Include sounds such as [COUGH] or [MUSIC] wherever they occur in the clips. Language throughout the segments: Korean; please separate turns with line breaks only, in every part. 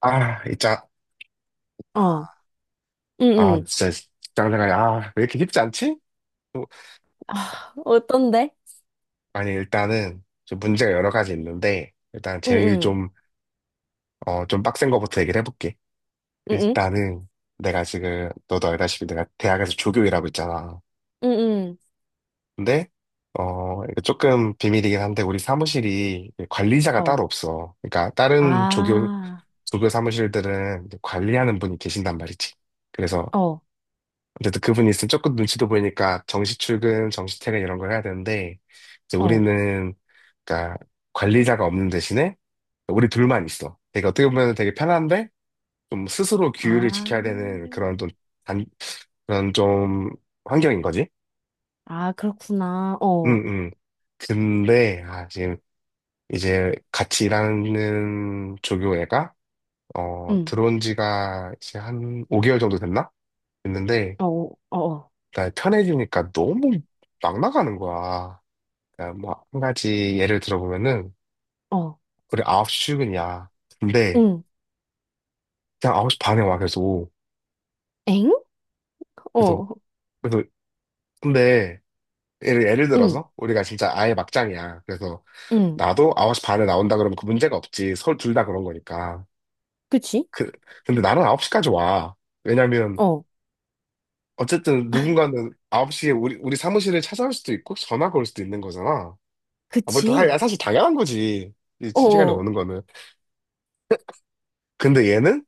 아, 이 짜,
어, 응응.
진짜 장생활이 왜 이렇게 쉽지 않지? 어,
아, 어떤데?
아니, 일단은 좀 문제가 여러 가지 있는데, 일단 제일
응응,
좀, 어, 좀 빡센 거부터 얘기를 해볼게.
응응,
일단은 내가 지금, 너도 알다시피 내가 대학에서 조교 일하고 있잖아.
응응.
근데, 이거 조금 비밀이긴 한데, 우리 사무실이 관리자가 따로
어,
없어. 그러니까
아,
조교 사무실들은 관리하는 분이 계신단 말이지. 그래서
어,
그래도 그분이 있으면 조금 눈치도 보이니까 정시 출근, 정시 퇴근 이런 걸 해야 되는데 이제
어,
우리는, 그러니까 관리자가 없는 대신에 우리 둘만 있어. 되게 어떻게 보면 되게 편한데 좀 스스로
아,
규율을 지켜야 되는 단, 그런 환경인 거지.
아, 그렇구나.
응,
어,
응. 근데 지금 이제 같이 일하는 조교 애가
응,
들어온 지가 이제 한 5개월 정도 됐나? 됐는데
어, 어,
나 편해지니까 너무 막 나가는 거야. 그러니까 뭐, 한 가지 예를 들어보면은,
어, 어,
우리 아홉시 출근이야. 근데,
응,
그냥 아홉시 반에 와, 계속.
엥?
그래서,
어,
그래서, 근데, 예를
응,
들어서, 우리가 진짜 아예 막장이야. 그래서,
응,
나도 아홉시 반에 나온다 그러면 그 문제가 없지. 서로 둘 다 그런 거니까.
그치?
그, 근데 나는 아홉시까지 와. 왜냐면,
어,
어쨌든 누군가는 아홉시에 우리 사무실을 찾아올 수도 있고, 전화가 올 수도 있는 거잖아.
그치?
사실 당연한 거지, 이
어,
시간에
어,
오는 거는. 근데 얘는,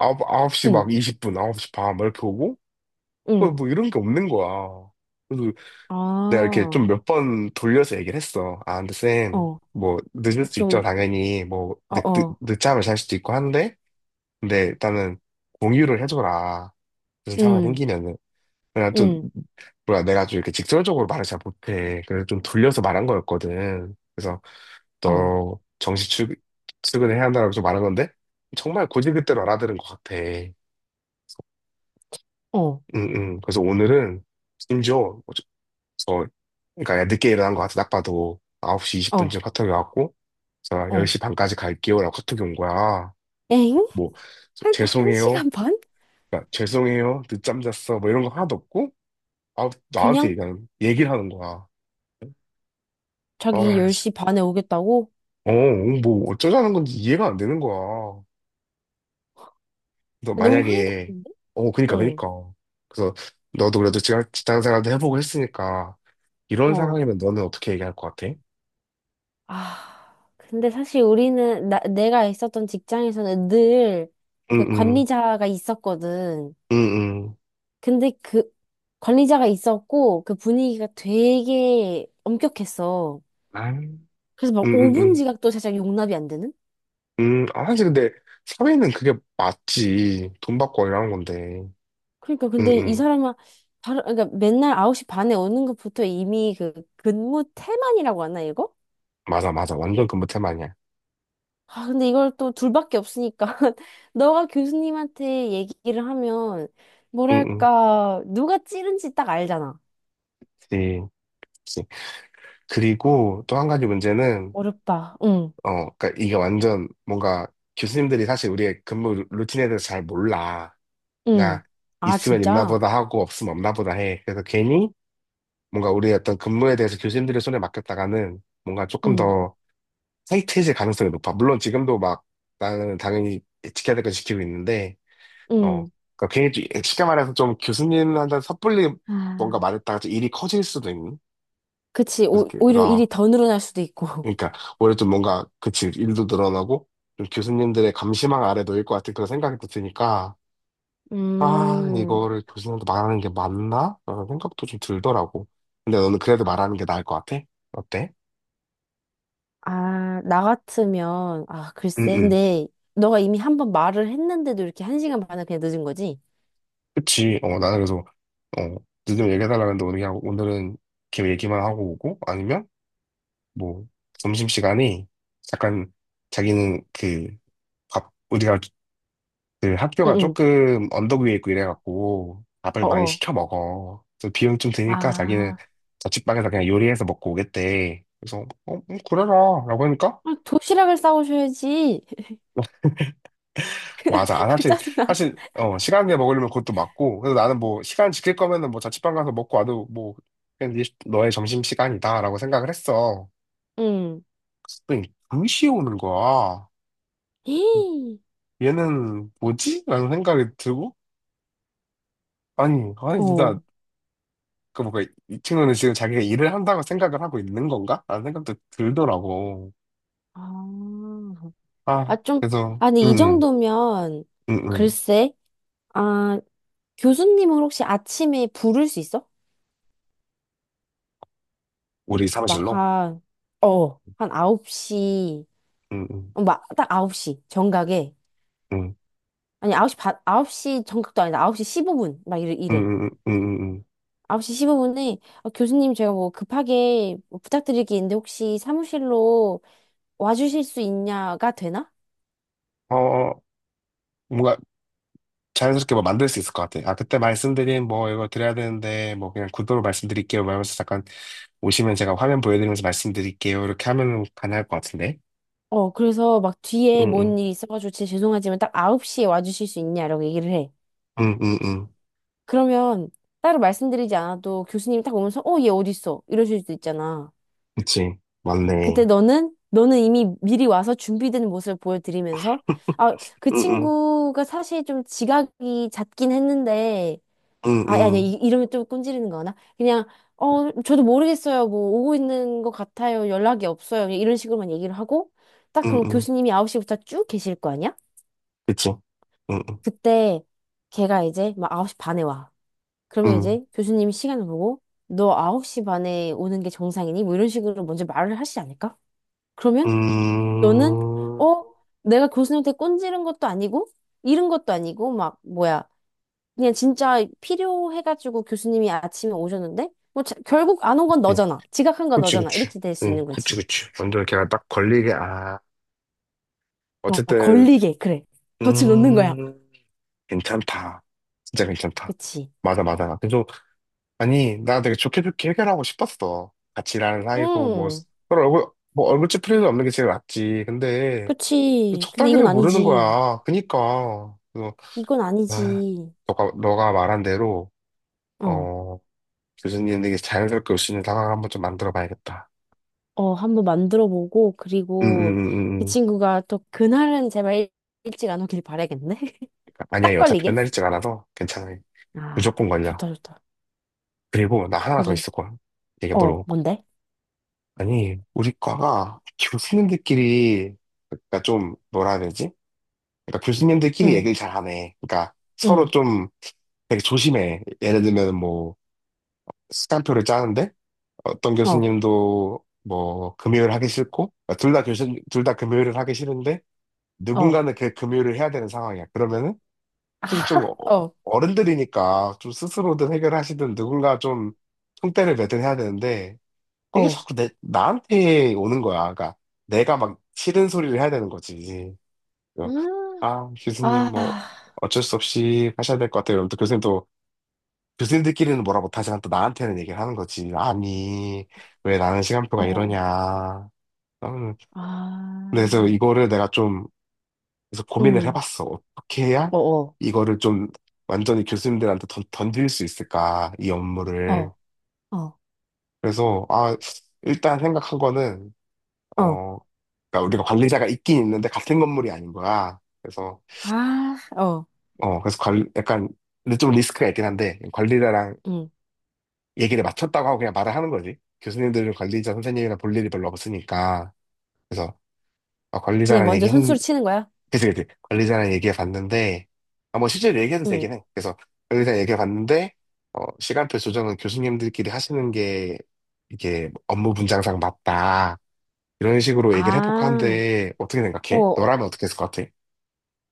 아홉시
응,
막 20분, 아홉시 반, 막 이렇게 오고,
응,
뭐 이런 게 없는 거야. 그래서
아,
내가 이렇게 좀
어,
몇 번 돌려서 얘기를 했어. 근데 쌤, 뭐 늦을 수 있죠,
좀,
당연히. 뭐
어,
늦, 늦,
어,
늦잠을 잘 수도 있고 한데, 근데 일단은 공유를 해줘라, 무슨 상황이
응,
생기면은. 내가 좀,
응,
내가 좀 이렇게 직설적으로 말을 잘 못해. 그래서 좀 돌려서 말한 거였거든. 그래서
어,
너 출근해야 한다고 좀 말한 건데, 정말 고지그대로 알아들은 것 같아. 응,
어,
응. 그래서 오늘은 심지어, 그래서 그러니까 늦게 일어난 것 같아. 딱 봐도 9시 20분쯤
어,
카톡이 왔고 제가
어,
10시 반까지 갈게요 라고 카톡이 온 거야.
엥?
뭐
한 시간
죄송해요,
반?
그러니까 죄송해요, 늦잠 잤어, 뭐 이런 거 하나도 없고
그냥
나한테 그냥 얘기를 하는 거야.
자기
아, 씨.
10시 반에 오겠다고?
어, 어, 뭐 어쩌자는 건지 이해가 안 되는 거야. 그래서
너무
만약에,
황당한데?
어, 그니까
어,
그니까. 그래서 너도 그래도 지금 직장 생활도 해보고 했으니까 이런
어.
상황이면 너는 어떻게 얘기할 것 같아?
아, 근데 사실 내가 있었던 직장에서는 늘 그
응응,
관리자가 있었거든.
응응,
근데 그 관리자가 있었고 그 분위기가 되게 엄격했어.
아,
그래서 막 5분
응응응.
지각도 살짝 용납이 안 되는?
아, 사실 근데 사회는 그게 맞지. 돈 받고 일하는 건데.
그러니까
응,
근데 이
응.
사람은 바로, 그러니까 맨날 9시 반에 오는 것부터 이미 그 근무 태만이라고 하나, 이거?
맞아, 맞아. 완전 근무 테마야.
아, 근데 이걸 또 둘밖에 없으니까. [LAUGHS] 너가 교수님한테 얘기를 하면,
응, 응.
뭐랄까, 누가 찌른지 딱 알잖아.
그치, 그치. 그리고 또 한 가지 문제는,
어렵다. 응,
어, 그니까 이게 완전 뭔가 교수님들이 사실 우리의 루틴에 대해서 잘 몰라. 그냥
응. 아,
있으면 있나
진짜?
보다 하고 없으면 없나 보다 해. 그래서 괜히 뭔가 우리의 어떤 근무에 대해서 교수님들의 손에 맡겼다가는 뭔가 조금
응,
더 타이트해질 가능성이 높아. 물론 지금도 막 나는 당연히 지켜야 될 건 지키고 있는데, 어.
응.
그러니까 쉽게 말해서 좀 교수님한테 섣불리 뭔가
아,
말했다가 좀 일이 커질 수도 있는.
그치.
그래서
오,
그-
오히려 일이
어.
더 늘어날 수도 있고. [LAUGHS]
그러니까 오히려 좀 뭔가, 그치, 일도 늘어나고 좀 교수님들의 감시망 아래 놓일 것 같은 그런 생각이 또 드니까 아
음,
이거를 교수님한테 말하는 게 맞나? 라는 생각도 좀 들더라고. 근데 너는 그래도 말하는 게 나을 것 같아? 어때?
아, 나 같으면, 아, 글쎄.
응응.
근데 너가 이미 한번 말을 했는데도 이렇게 한 시간 반을 그냥 늦은 거지?
그치. 나는 그래서 어 늦으면 얘기해달라 는데 오늘은 걔 얘기만 하고 오고, 아니면 뭐 점심시간에 약간 자기는 그 밥, 우리가 그
응,
학교가
응.
조금 언덕 위에 있고 이래갖고 밥을 많이
어어.
시켜 먹어. 그래서 비용 좀 드니까 자기는
아,
자취방에서 그냥 요리해서 먹고 오겠대. 그래서 어, 어, 그래라 라고 하니까,
아, 도시락을 싸오셔야지.
맞아. 아,
[LAUGHS]
사실
짜증나.
어, 시간에 먹으려면 그것도 맞고 그래서 나는 뭐 시간 지킬 거면은 뭐 자취방 가서 먹고 와도 뭐 그냥 너의 점심시간이다 라고 생각을 했어.
응.
그랬더니 글이 오는 거야.
헤이.
얘는 뭐지? 라는 생각이 들고 아니 아니 진짜
어.
그 뭔가 이 친구는 지금 자기가 일을 한다고 생각을 하고 있는 건가? 라는 생각도 들더라고.
아, 아,
아
좀,
그래서,
아니, 이
응응,
정도면,
응, 응, 응.
글쎄, 아, 교수님은 혹시 아침에 부를 수 있어?
우리
막
사무실로.
한, 어, 한 9시,
응응,
어, 막, 딱 아홉 시 정각에. 아니, 9시 반, 아홉 시 정각도 아니다. 9시 15분, 막 이래, 이래.
응응응응응.
9시 15분에, 교수님 제가 뭐 급하게 뭐 부탁드릴 게 있는데 혹시 사무실로 와주실 수 있냐가 되나?
어, 뭔가 자연스럽게 뭐 만들 수 있을 것 같아, 아 그때 말씀드린 뭐 이거 드려야 되는데 뭐 그냥 구도로 말씀드릴게요 말면서 잠깐 오시면 제가 화면 보여드리면서 말씀드릴게요 이렇게 하면 가능할 것 같은데.
어, 그래서 막 뒤에
응응,
뭔 일이 있어가지고 진짜 죄송하지만 딱 9시에 와주실 수 있냐라고 얘기를 해.
응응응.
그러면 따로 말씀드리지 않아도 교수님이 딱 오면서 어, 얘 어디 있어? 이러실 수도 있잖아.
그치
그때
맞네.
너는 이미 미리 와서 준비된 모습을 보여드리면서 아, 그
응, 응,
친구가 사실 좀 지각이 잦긴 했는데
응,
아, 아니
응,
이러면 또 꼰지르는 거나 그냥 어, 저도 모르겠어요. 뭐 오고 있는 것 같아요. 연락이 없어요. 그냥 이런 식으로만 얘기를 하고 딱
응,
그럼
응.
교수님이 9시부터 쭉 계실 거 아니야?
그치. 응, 응,
그때 걔가 이제 막 9시 반에 와. 그러면
응.
이제 교수님이 시간을 보고 너 9시 반에 오는 게 정상이니? 뭐 이런 식으로 먼저 말을 하시지 않을까? 그러면 너는
음,
어? 내가 교수님한테 꼰지른 것도 아니고 잃은 것도 아니고 막 뭐야 그냥 진짜 필요해가지고 교수님이 아침에 오셨는데 뭐 결국 안 온 건
그치,
너잖아. 지각한 건
그치.
너잖아.
그치.
이렇게 될 수
응,
있는
그치,
거지.
그치. 완전 걔가 딱 걸리게, 아.
어,
어쨌든,
걸리게 그래. 덫을 놓는 거야.
음, 괜찮다. 진짜 괜찮다.
그치.
맞아, 맞아. 그래서, 아니, 나 되게 좋게 좋게 해결하고 싶었어. 같이 일하는 사이고, 뭐,
음,
서로 얼굴, 뭐, 얼굴 찌푸리도 없는 게 제일 낫지. 근데, 또
그치. 근데 이건
적당히를 모르는
아니지.
거야. 그니까. 그래서,
이건
아,
아니지.
너가 말한 대로,
어,
어, 교수님에게 자연스럽게 올 수 있는 상황을 한번 좀 만들어 봐야겠다.
어, 한번 만들어 보고,
음,
그리고
음,
그
음, 음.
친구가 또 그날은 제발 일- 찍 안 오길 바라겠네. [LAUGHS] 딱
아니야, 어차피
걸리게.
맨날 일찍 안 와서 괜찮아.
아,
무조건 걸려.
좋다, 좋다.
그리고 나 하나 더
그래.
있었거든.
어,
얘기해보려고.
뭔데?
아니, 우리 과가 교수님들끼리, 그러니까 좀, 뭐라 해야 되지? 그러니까 교수님들끼리
응,
얘기를 잘 안 해. 그러니까 서로
응,
좀 되게 조심해. 예를 들면 뭐, 시간표를 짜는데, 어떤
어,
교수님도 뭐, 금요일 하기 싫고, 그러니까 둘 다 금요일을 하기 싫은데,
어,
누군가는 그 금요일을 해야 되는 상황이야. 그러면은 솔직히
아, [LAUGHS] 어,
어른들이니까 좀 스스로든 해결하시든 누군가 좀 총대를 매든 해야 되는데 이게
어.
자꾸 나한테 오는 거야. 그러니까 내가 막 싫은 소리를 해야 되는 거지. 그래서
음,
아, 교수님
아,
뭐 어쩔 수 없이 하셔야 될 것 같아요. 이러면 또 교수님도, 교수님들끼리는 뭐라 못하지만 또 나한테는 얘기를 하는 거지. 아니, 왜 나는 시간표가
어,
이러냐. 나는
아,
그래서 이거를 내가 좀, 그래서 고민을
응,
해봤어. 어떻게 해야
어, 어,
이거를 좀 완전히 교수님들한테 던질 수 있을까, 이 업무를.
어, 어,
그래서, 아, 일단 생각한 거는,
어,
어, 그러니까 우리가 관리자가 있긴 있는데 같은 건물이 아닌 거야. 그래서,
아, 어,
어, 근데 좀 리스크가 있긴 한데, 관리자랑
응.
얘기를 맞췄다고 하고 그냥 말을 하는 거지. 교수님들은 관리자 선생님이랑 볼 일이 별로 없으니까. 그래서, 아,
그냥
관리자랑
먼저
얘기했,
선수를 치는 거야?
그치, 그치. 관리자랑 얘기해 봤는데, 아, 뭐 실제로 얘기해도
응.
되긴 해. 그래서 관리자랑 얘기해 봤는데, 어, 시간표 조정은 교수님들끼리 하시는 게 이게 업무 분장상 맞다. 이런 식으로 얘기를 해볼까
아,
한데, 어떻게 생각해?
어.
너라면 어떻게 했을 것 같아?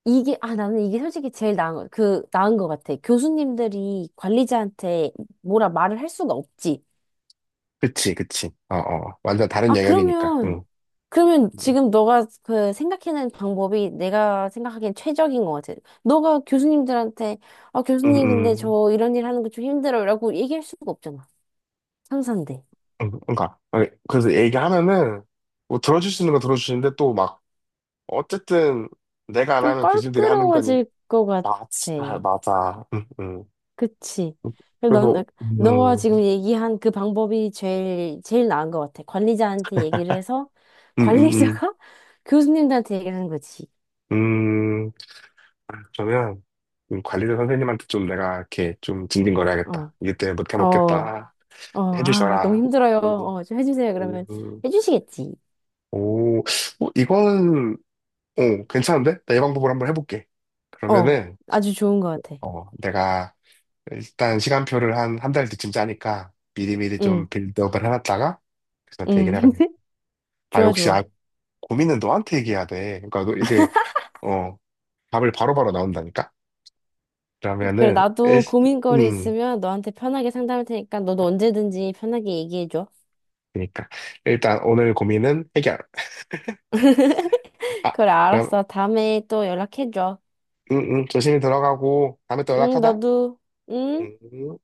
이게, 아, 나는 이게 솔직히 제일 나은 것 같아. 교수님들이 관리자한테 뭐라 말을 할 수가 없지.
그치, 그치. 어, 어. 완전 다른
아,
영역이니까.
그러면,
응.
그러면
응,
지금 너가 그 생각해낸 방법이 내가 생각하기엔 최적인 것 같아. 너가 교수님들한테, 아, 교수님, 근데
응.
저 이런 일 하는 거 좀 힘들어요. 라고 얘기할 수가 없잖아. 상사인데.
응, 응. 그러니까. 아니, 그래서 얘기하면은, 뭐 들어줄 수 있는 거 들어주시는데 또 막, 어쨌든 내가 안
좀
하면 교수님들이 하는 거니.
껄끄러워질 것 같아.
맞아, 맞아. 응, 응.
그치. 그리고
그래서,
넌,
음,
너가
음,
지금 얘기한 그 방법이 제일 나은 것 같아. 관리자한테 얘기를 해서,
음,
관리자가 [LAUGHS] 교수님들한테 얘기를 하는 거지.
음, 음, 아, 그러면, 관리자 선생님한테 좀 내가 이렇게 좀
어,
징징거려야겠다. 이게 때문에 못해
어,
먹겠다.
어, 아, 너무
해주셔라.
힘들어요.
음,
어, 좀 해주세요.
음,
그러면
음.
해주시겠지.
오, 어, 이거는, 오, 괜찮은데? 나 이 방법을 한번 해볼게.
어,
그러면은,
아주 좋은 것 같아.
어, 내가 일단 시간표를 한 달 뒤쯤 짜니까 미리미리 좀
응,
빌드업을 해놨다가, 그래서 한테
응.
얘기를 해봐야겠다.
[LAUGHS]
아,
좋아,
역시,
좋아.
아, 고민은 너한테 얘기해야 돼. 그러니까 너 이게, 어, 답을 바로바로 나온다니까?
그래,
그러면은, 일,
나도 고민거리
음,
있으면 너한테 편하게 상담할 테니까 너도 언제든지 편하게 얘기해줘.
그러니까. 일단 오늘 고민은 해결.
[LAUGHS]
아,
그래,
그럼,
알았어. 다음에 또 연락해줘.
응, 응, 조심히 들어가고, 다음에 또
응,
연락하자.
너도, 응?
음.